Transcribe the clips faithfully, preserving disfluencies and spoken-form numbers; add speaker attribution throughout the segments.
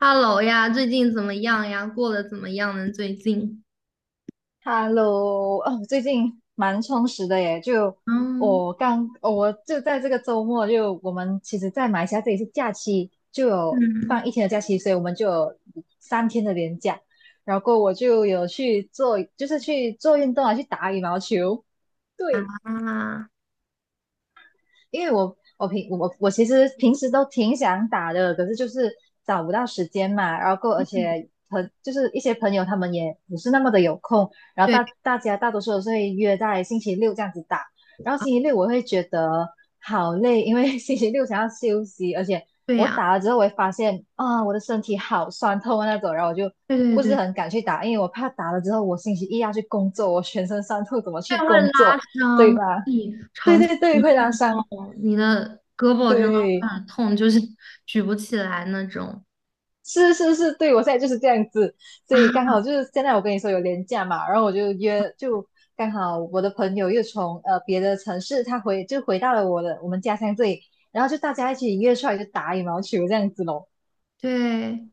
Speaker 1: Hello 呀，最近怎么样呀？过得怎么样呢？最近？
Speaker 2: Hello，哦，最近蛮充实的耶。就
Speaker 1: 嗯
Speaker 2: 我刚，哦我就在这个周末就，我们其实，在马来西亚这里是假期，就有
Speaker 1: 嗯。
Speaker 2: 放一天的假期，所以我们就有三天的连假。然后我就有去做，就是去做运动啊，去打羽毛球。对，
Speaker 1: 啊，
Speaker 2: 因为我我平我我其实平时都挺想打的，可是就是找不到时间嘛，然后够而
Speaker 1: 嗯。
Speaker 2: 且很就是一些朋友他们也不是那么的有空，然后
Speaker 1: 对
Speaker 2: 大大家大多数都是会约在星期六这样子打，然后
Speaker 1: 啊，
Speaker 2: 星期六我会觉得好累，因为 星期六想要休息，而且
Speaker 1: 对
Speaker 2: 我
Speaker 1: 呀，
Speaker 2: 打了之后我会发现啊我的身体好酸痛啊那种，然后我就
Speaker 1: 对
Speaker 2: 不是
Speaker 1: 对对，
Speaker 2: 很敢去打，因为我怕打了之后我星期一要去工作，我全身酸痛怎么
Speaker 1: 这
Speaker 2: 去
Speaker 1: 样会拉
Speaker 2: 工作，对
Speaker 1: 伤。
Speaker 2: 吧？
Speaker 1: 你
Speaker 2: 对
Speaker 1: 长期
Speaker 2: 对
Speaker 1: 不
Speaker 2: 对，会拉
Speaker 1: 运
Speaker 2: 伤。
Speaker 1: 动，你的胳膊真的
Speaker 2: 对，
Speaker 1: 会很痛，就是举不起来那种。
Speaker 2: 是是是，对我现在就是这样子，所
Speaker 1: 啊，
Speaker 2: 以刚好就是现在我跟你说有廉假嘛，然后我就约，就刚好我的朋友又从呃别的城市，他回就回到了我的我们家乡这里，然后就大家一起约出来就打羽毛球这样子咯，
Speaker 1: 对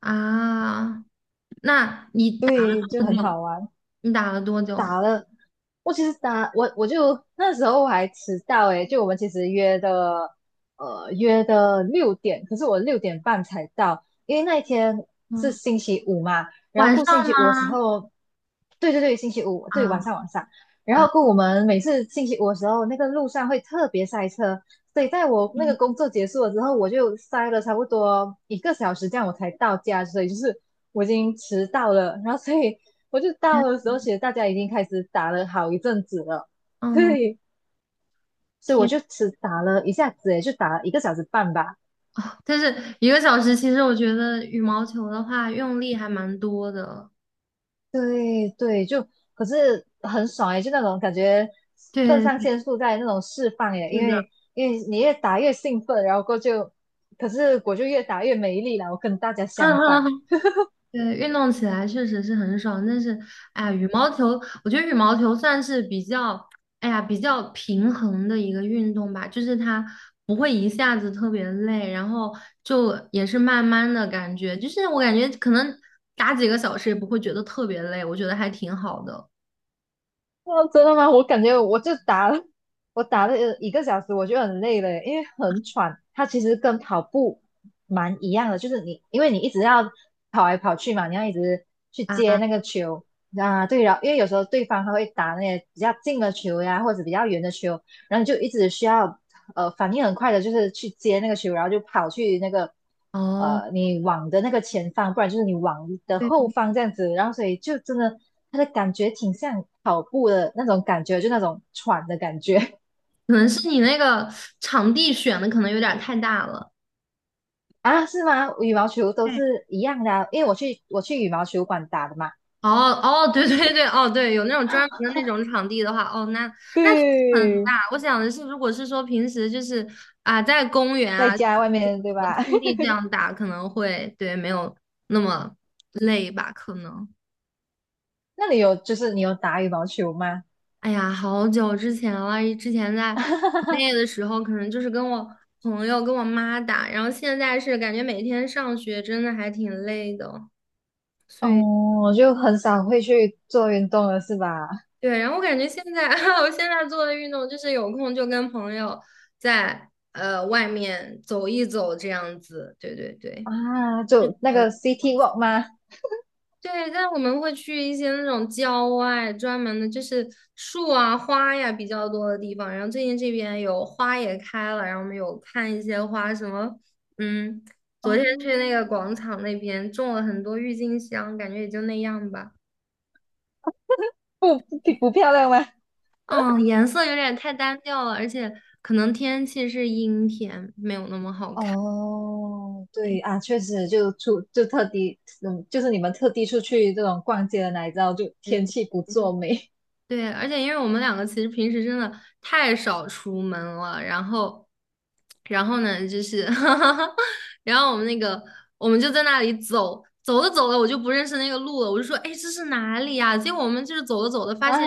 Speaker 1: 啊，那你打了
Speaker 2: 对，就
Speaker 1: 多
Speaker 2: 很
Speaker 1: 久？
Speaker 2: 好玩。
Speaker 1: 你打了多久呢？
Speaker 2: 我其实打我我就那时候我还迟到诶，就我们其实约的呃约的六点，可是我六点半才到，因为那一天是
Speaker 1: 嗯，
Speaker 2: 星期五嘛，然后
Speaker 1: 晚上
Speaker 2: 过星期五的时
Speaker 1: 吗？
Speaker 2: 候，对对对，星期五对晚
Speaker 1: 啊。
Speaker 2: 上晚上，然
Speaker 1: 啊，
Speaker 2: 后过我们每次星期五的时候，那个路上会特别塞车，所以在我那个
Speaker 1: 嗯
Speaker 2: 工作结束了之后，我就塞了差不多一个小时这样我才到家，所以就是我已经迟到了，然后所以。我就到的时候，其实大家已经开始打了好一阵子了，
Speaker 1: 嗯，
Speaker 2: 对，所以我
Speaker 1: 天
Speaker 2: 就只打了一下子，也就打了一个小时半吧，
Speaker 1: 啊，但是一个小时，其实我觉得羽毛球的话用力还蛮多的。
Speaker 2: 对对，就可是很爽诶，就那种感觉肾上
Speaker 1: 对，
Speaker 2: 腺素在那种释放耶，
Speaker 1: 是
Speaker 2: 因
Speaker 1: 的，
Speaker 2: 为因为你越打越兴奋，然后过后就，可是我就越打越没力了，我跟大家
Speaker 1: 嗯
Speaker 2: 相
Speaker 1: 嗯，
Speaker 2: 反。
Speaker 1: 嗯。对，运动起来确实是很爽，但是，哎呀，羽毛球，我觉得羽毛球算是比较，哎呀，比较平衡的一个运动吧，就是它不会一下子特别累，然后就也是慢慢的感觉，就是我感觉可能打几个小时也不会觉得特别累，我觉得还挺好的。
Speaker 2: 哦，真的吗？我感觉我就打了，我打了一个小时，我就很累了，因为很喘。它其实跟跑步蛮一样的，就是你因为你一直要跑来跑去嘛，你要一直去接
Speaker 1: 啊，
Speaker 2: 那个球啊。对了，然后因为有时候对方他会打那些比较近的球呀，或者比较远的球，然后你就一直需要呃反应很快的，就是去接那个球，然后就跑去那个
Speaker 1: 哦，
Speaker 2: 呃你网的那个前方，不然就是你网的
Speaker 1: 对。
Speaker 2: 后方这样子。然后所以就真的它的感觉挺像跑步的那种感觉，就那种喘的感觉
Speaker 1: 可能是你那个场地选的可能有点儿太大了。
Speaker 2: 啊，是吗？羽毛球都
Speaker 1: 对，
Speaker 2: 是一样的啊因为我去我去羽毛球馆打的嘛，
Speaker 1: 哦哦，对对对，哦对，有那种专门的那种场地的话，哦，那那确实很
Speaker 2: 对，
Speaker 1: 大。我想的是，如果是说平时就是啊，在公园
Speaker 2: 在
Speaker 1: 啊，找
Speaker 2: 家外面对
Speaker 1: 个
Speaker 2: 吧？
Speaker 1: 空 地这样打，可能会对没有那么累吧，可能。
Speaker 2: 那你有就是你有打羽毛球吗？
Speaker 1: 哎呀，好久之前了，之前在国 内的时候，可能就是跟我朋友跟我妈打，然后现在是感觉每天上学真的还挺累的，所
Speaker 2: 哦，
Speaker 1: 以。
Speaker 2: 我就很少会去做运动了，是吧？
Speaker 1: 对，然后我感觉现在，我现在做的运动就是有空就跟朋友在呃外面走一走这样子，对对对，
Speaker 2: 啊，就那
Speaker 1: 走一
Speaker 2: 个 City Walk 吗？
Speaker 1: 对，但我们会去一些那种郊外专门的，就是树啊、花呀比较多的地方。然后最近这边有花也开了，然后我们有看一些花，什么嗯，昨天去那
Speaker 2: 哦，
Speaker 1: 个广场那边种了很多郁金香，感觉也就那样吧。
Speaker 2: 不不不漂亮吗？
Speaker 1: 嗯，颜色有点太单调了，而且可能天气是阴天，没有那么好看。
Speaker 2: 哦，对啊，确实就出就特地，嗯，就是你们特地出去这种逛街的哪里知道就天气不作美
Speaker 1: 对，而且因为我们两个其实平时真的太少出门了，然后，然后呢，就是，然后我们那个，我们就在那里走，走着走着，我就不认识那个路了，我就说，哎，这是哪里呀、结果我们就是走着走着，发
Speaker 2: 啊，
Speaker 1: 现，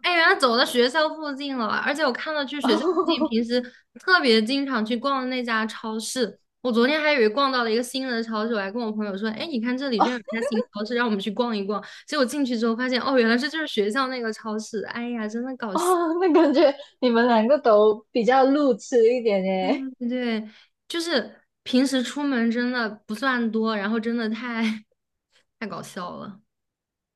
Speaker 1: 哎，原来走到学校附近了，而且我看到去学校附近，
Speaker 2: 哦
Speaker 1: 平时特别经常去逛的那家超市，我昨天还以为逛到了一个新的超市，我还跟我朋友说，哎，你看这里居
Speaker 2: 哦
Speaker 1: 然有一家新超市，让我们去逛一逛。结果进去之后发现，哦，原来这就是学校那个超市。哎呀，真的搞笑。
Speaker 2: 哦，那感觉你们两个都比较路痴一点耶，
Speaker 1: 对，就是平时出门真的不算多，然后真的太太搞笑了。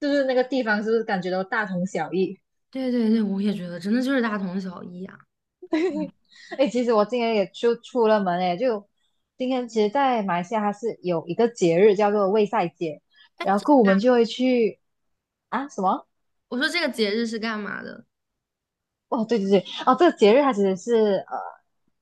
Speaker 2: 就是那个地方是不是感觉都大同小异？
Speaker 1: 对对对，我也觉得真的就是大同小异啊。
Speaker 2: 哎，其实我今天也就出了门哎，就今天其实，在马来西亚它是有一个节日叫做卫赛节，
Speaker 1: 哎，
Speaker 2: 然
Speaker 1: 这
Speaker 2: 后我们就
Speaker 1: 个
Speaker 2: 会去啊什么？
Speaker 1: 我说这个节日是干嘛的。
Speaker 2: 哦，对对对，哦，这个节日它其实是呃，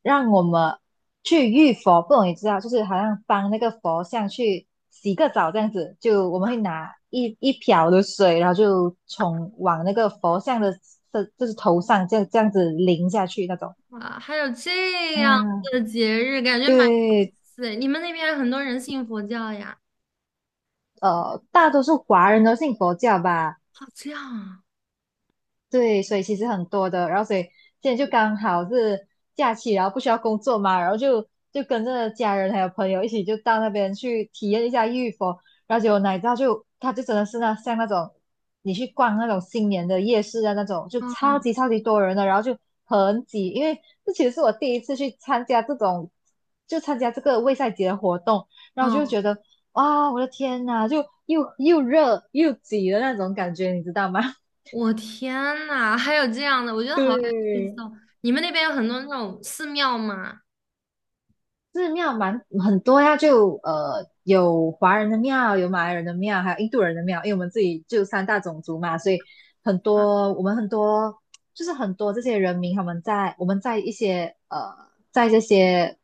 Speaker 2: 让我们去浴佛，不容易知道，就是好像帮那个佛像去洗个澡这样子，就我们会拿一一瓢的水，然后就从往那个佛像的这就是头上这样这样子淋下去那种。
Speaker 1: 啊？还有这样
Speaker 2: 嗯，
Speaker 1: 的节日，感觉蛮有意
Speaker 2: 对，
Speaker 1: 思诶。你们那边很多人信佛教呀？
Speaker 2: 呃，大多数华人都信佛教吧，
Speaker 1: 好，这样啊，
Speaker 2: 对，所以其实很多的，然后所以现在就刚好是假期，然后不需要工作嘛，然后就就跟着家人还有朋友一起就到那边去体验一下玉佛，然后结果哪知道就他就真的是那像那种你去逛那种新年的夜市啊那种，就超
Speaker 1: 嗯
Speaker 2: 级超级多人的，然后就很挤，因为这其实是我第一次去参加这种就参加这个卫赛节的活动，然后就
Speaker 1: 嗯。
Speaker 2: 觉得哇，我的天呐，就又又热又挤的那种感觉，你知道吗？
Speaker 1: 我天呐，还有这样的，我觉 得好有意
Speaker 2: 对，
Speaker 1: 思哦！你们那边有很多那种寺庙吗？
Speaker 2: 寺庙蛮很多呀，就呃有华人的庙，有马来人的庙，还有印度人的庙，因为我们自己就三大种族嘛，所以很
Speaker 1: 啊。
Speaker 2: 多我们很多就是很多这些人民他们在我们在一些呃在这些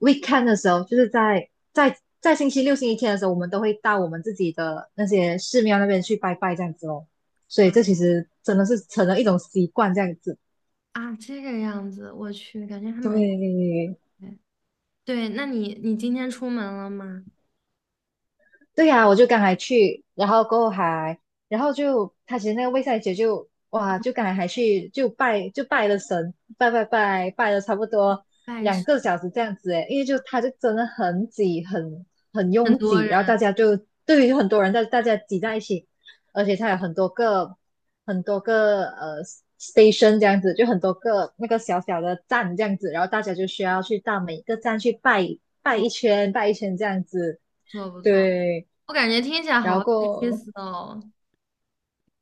Speaker 2: weekend 的时候，就是在在在星期六、星期天的时候，我们都会到我们自己的那些寺庙那边去拜拜这样子哦，所以
Speaker 1: 啊
Speaker 2: 这其实真的是成了一种习惯这样子，
Speaker 1: 啊，这个样子，我去，感觉还蛮……
Speaker 2: 对。
Speaker 1: 对，那你你今天出门了吗？
Speaker 2: 对呀，我就刚才去，然后过后还，然后就他其实那个魏赛姐就哇，就刚才还去就拜就拜了神，拜拜拜拜了差不多
Speaker 1: 拜
Speaker 2: 两
Speaker 1: 师，
Speaker 2: 个小时这样子诶，因为就他就真的很挤，很很
Speaker 1: 很
Speaker 2: 拥
Speaker 1: 多
Speaker 2: 挤，然后
Speaker 1: 人，
Speaker 2: 大家就对于很多人在大家挤在一起，而且它有很多个很多个呃 station 这样子，就很多个那个小小的站这样子，然后大家就需要去到每一个站去拜拜一
Speaker 1: 不
Speaker 2: 圈拜一圈这样子，
Speaker 1: 错不错，
Speaker 2: 对。
Speaker 1: 我感觉听起来好
Speaker 2: 然
Speaker 1: 有意
Speaker 2: 后
Speaker 1: 思哦。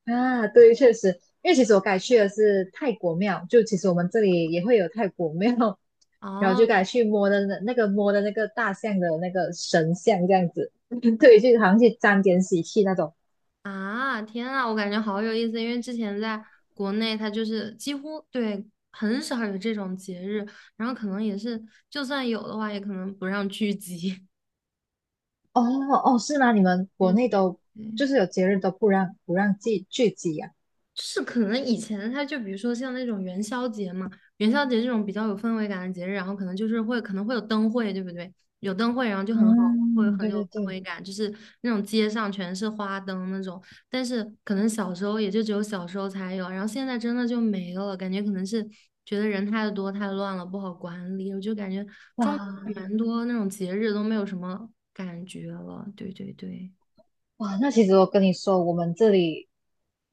Speaker 2: 啊，对，确实，因为其实我改去的是泰国庙，就其实我们这里也会有泰国庙，然后就
Speaker 1: 哦。
Speaker 2: 改去摸的那那个摸的那个大象的那个神像这样子，对，就好像去沾点喜气那种。
Speaker 1: 啊，天啊，我感觉好有意思，因为之前在国内，它就是几乎对很少有这种节日，然后可能也是就算有的话，也可能不让聚集。
Speaker 2: 哦哦，是吗？你们 国
Speaker 1: 对
Speaker 2: 内
Speaker 1: 对
Speaker 2: 都就
Speaker 1: 对。
Speaker 2: 是有节日都不让不让聚聚集呀，啊？
Speaker 1: 是可能以前它就比如说像那种元宵节嘛，元宵节这种比较有氛围感的节日，然后可能就是会可能会有灯会，对不对？有灯会，然后就很好，会
Speaker 2: 嗯，
Speaker 1: 很
Speaker 2: 对
Speaker 1: 有
Speaker 2: 对
Speaker 1: 氛
Speaker 2: 对，
Speaker 1: 围感，就是那种街上全是花灯那种。但是可能小时候也就只有小时候才有，然后现在真的就没了，感觉可能是觉得人太多太乱了，不好管理。我就感觉中国
Speaker 2: 哇，
Speaker 1: 蛮多那种节日都没有什么感觉了，对对对。
Speaker 2: 哇，那其实我跟你说，我们这里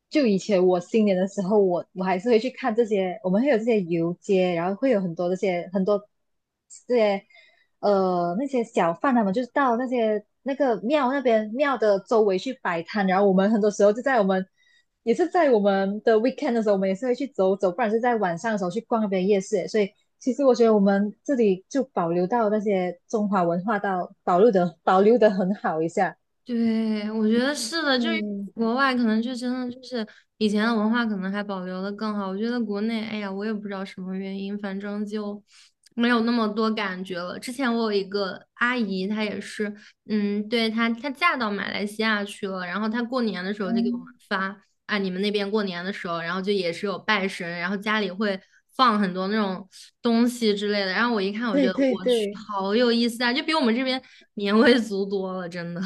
Speaker 2: 就以前我新年的时候，我我还是会去看这些，我们会有这些游街，然后会有很多这些很多这些呃那些小贩他们就是到那些那个庙那边庙的周围去摆摊，然后我们很多时候就在我们也是在我们的 weekend 的时候，我们也是会去走走，不然是在晚上的时候去逛那边夜市，所以。其实我觉得我们这里就保留到那些中华文化到保留的保留的很好一下，
Speaker 1: 对，我觉得是的，就是
Speaker 2: 对
Speaker 1: 国外可能就真的就是以前的文化可能还保留的更好。我觉得国内，哎呀，我也不知道什么原因，反正就没有那么多感觉了。之前我有一个阿姨，她也是，嗯，对，她她嫁到马来西亚去了，然后她过年的时候就给我们
Speaker 2: 嗯，
Speaker 1: 发啊，你们那边过年的时候，然后就也是有拜神，然后家里会放很多那种东西之类的。然后我一看，我
Speaker 2: 对
Speaker 1: 觉得
Speaker 2: 对
Speaker 1: 我去，
Speaker 2: 对，
Speaker 1: 好有意思啊，就比我们这边年味足多了，真的。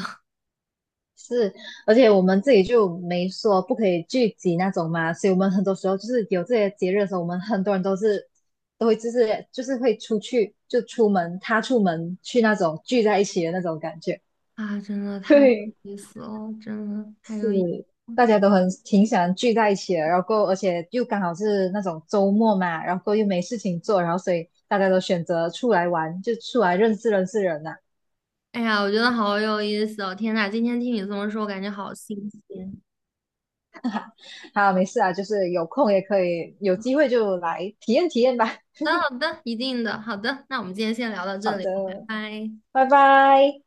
Speaker 2: 是，而且我们自己就没说不可以聚集那种嘛，所以我们很多时候就是有这些节日的时候，我们很多人都是都会就是就是会出去就出门，他出门去那种聚在一起的那种感觉，
Speaker 1: 啊，真的太有
Speaker 2: 对，
Speaker 1: 意思了，真的太有意，
Speaker 2: 是大家都很挺想聚在一起的，然后而且又刚好是那种周末嘛，然后又没事情做，然后所以大家都选择出来玩，就出来认识认识人啊
Speaker 1: 哎呀，我觉得好有意思哦！天呐，今天听你这么说，我感觉好新鲜。
Speaker 2: 好，没事啊，就是有空也可以，有机会就来体验体验吧。
Speaker 1: 好的，好的，一定的，好的，那我们今天先聊到
Speaker 2: 好
Speaker 1: 这里，拜
Speaker 2: 的，
Speaker 1: 拜。
Speaker 2: 拜拜。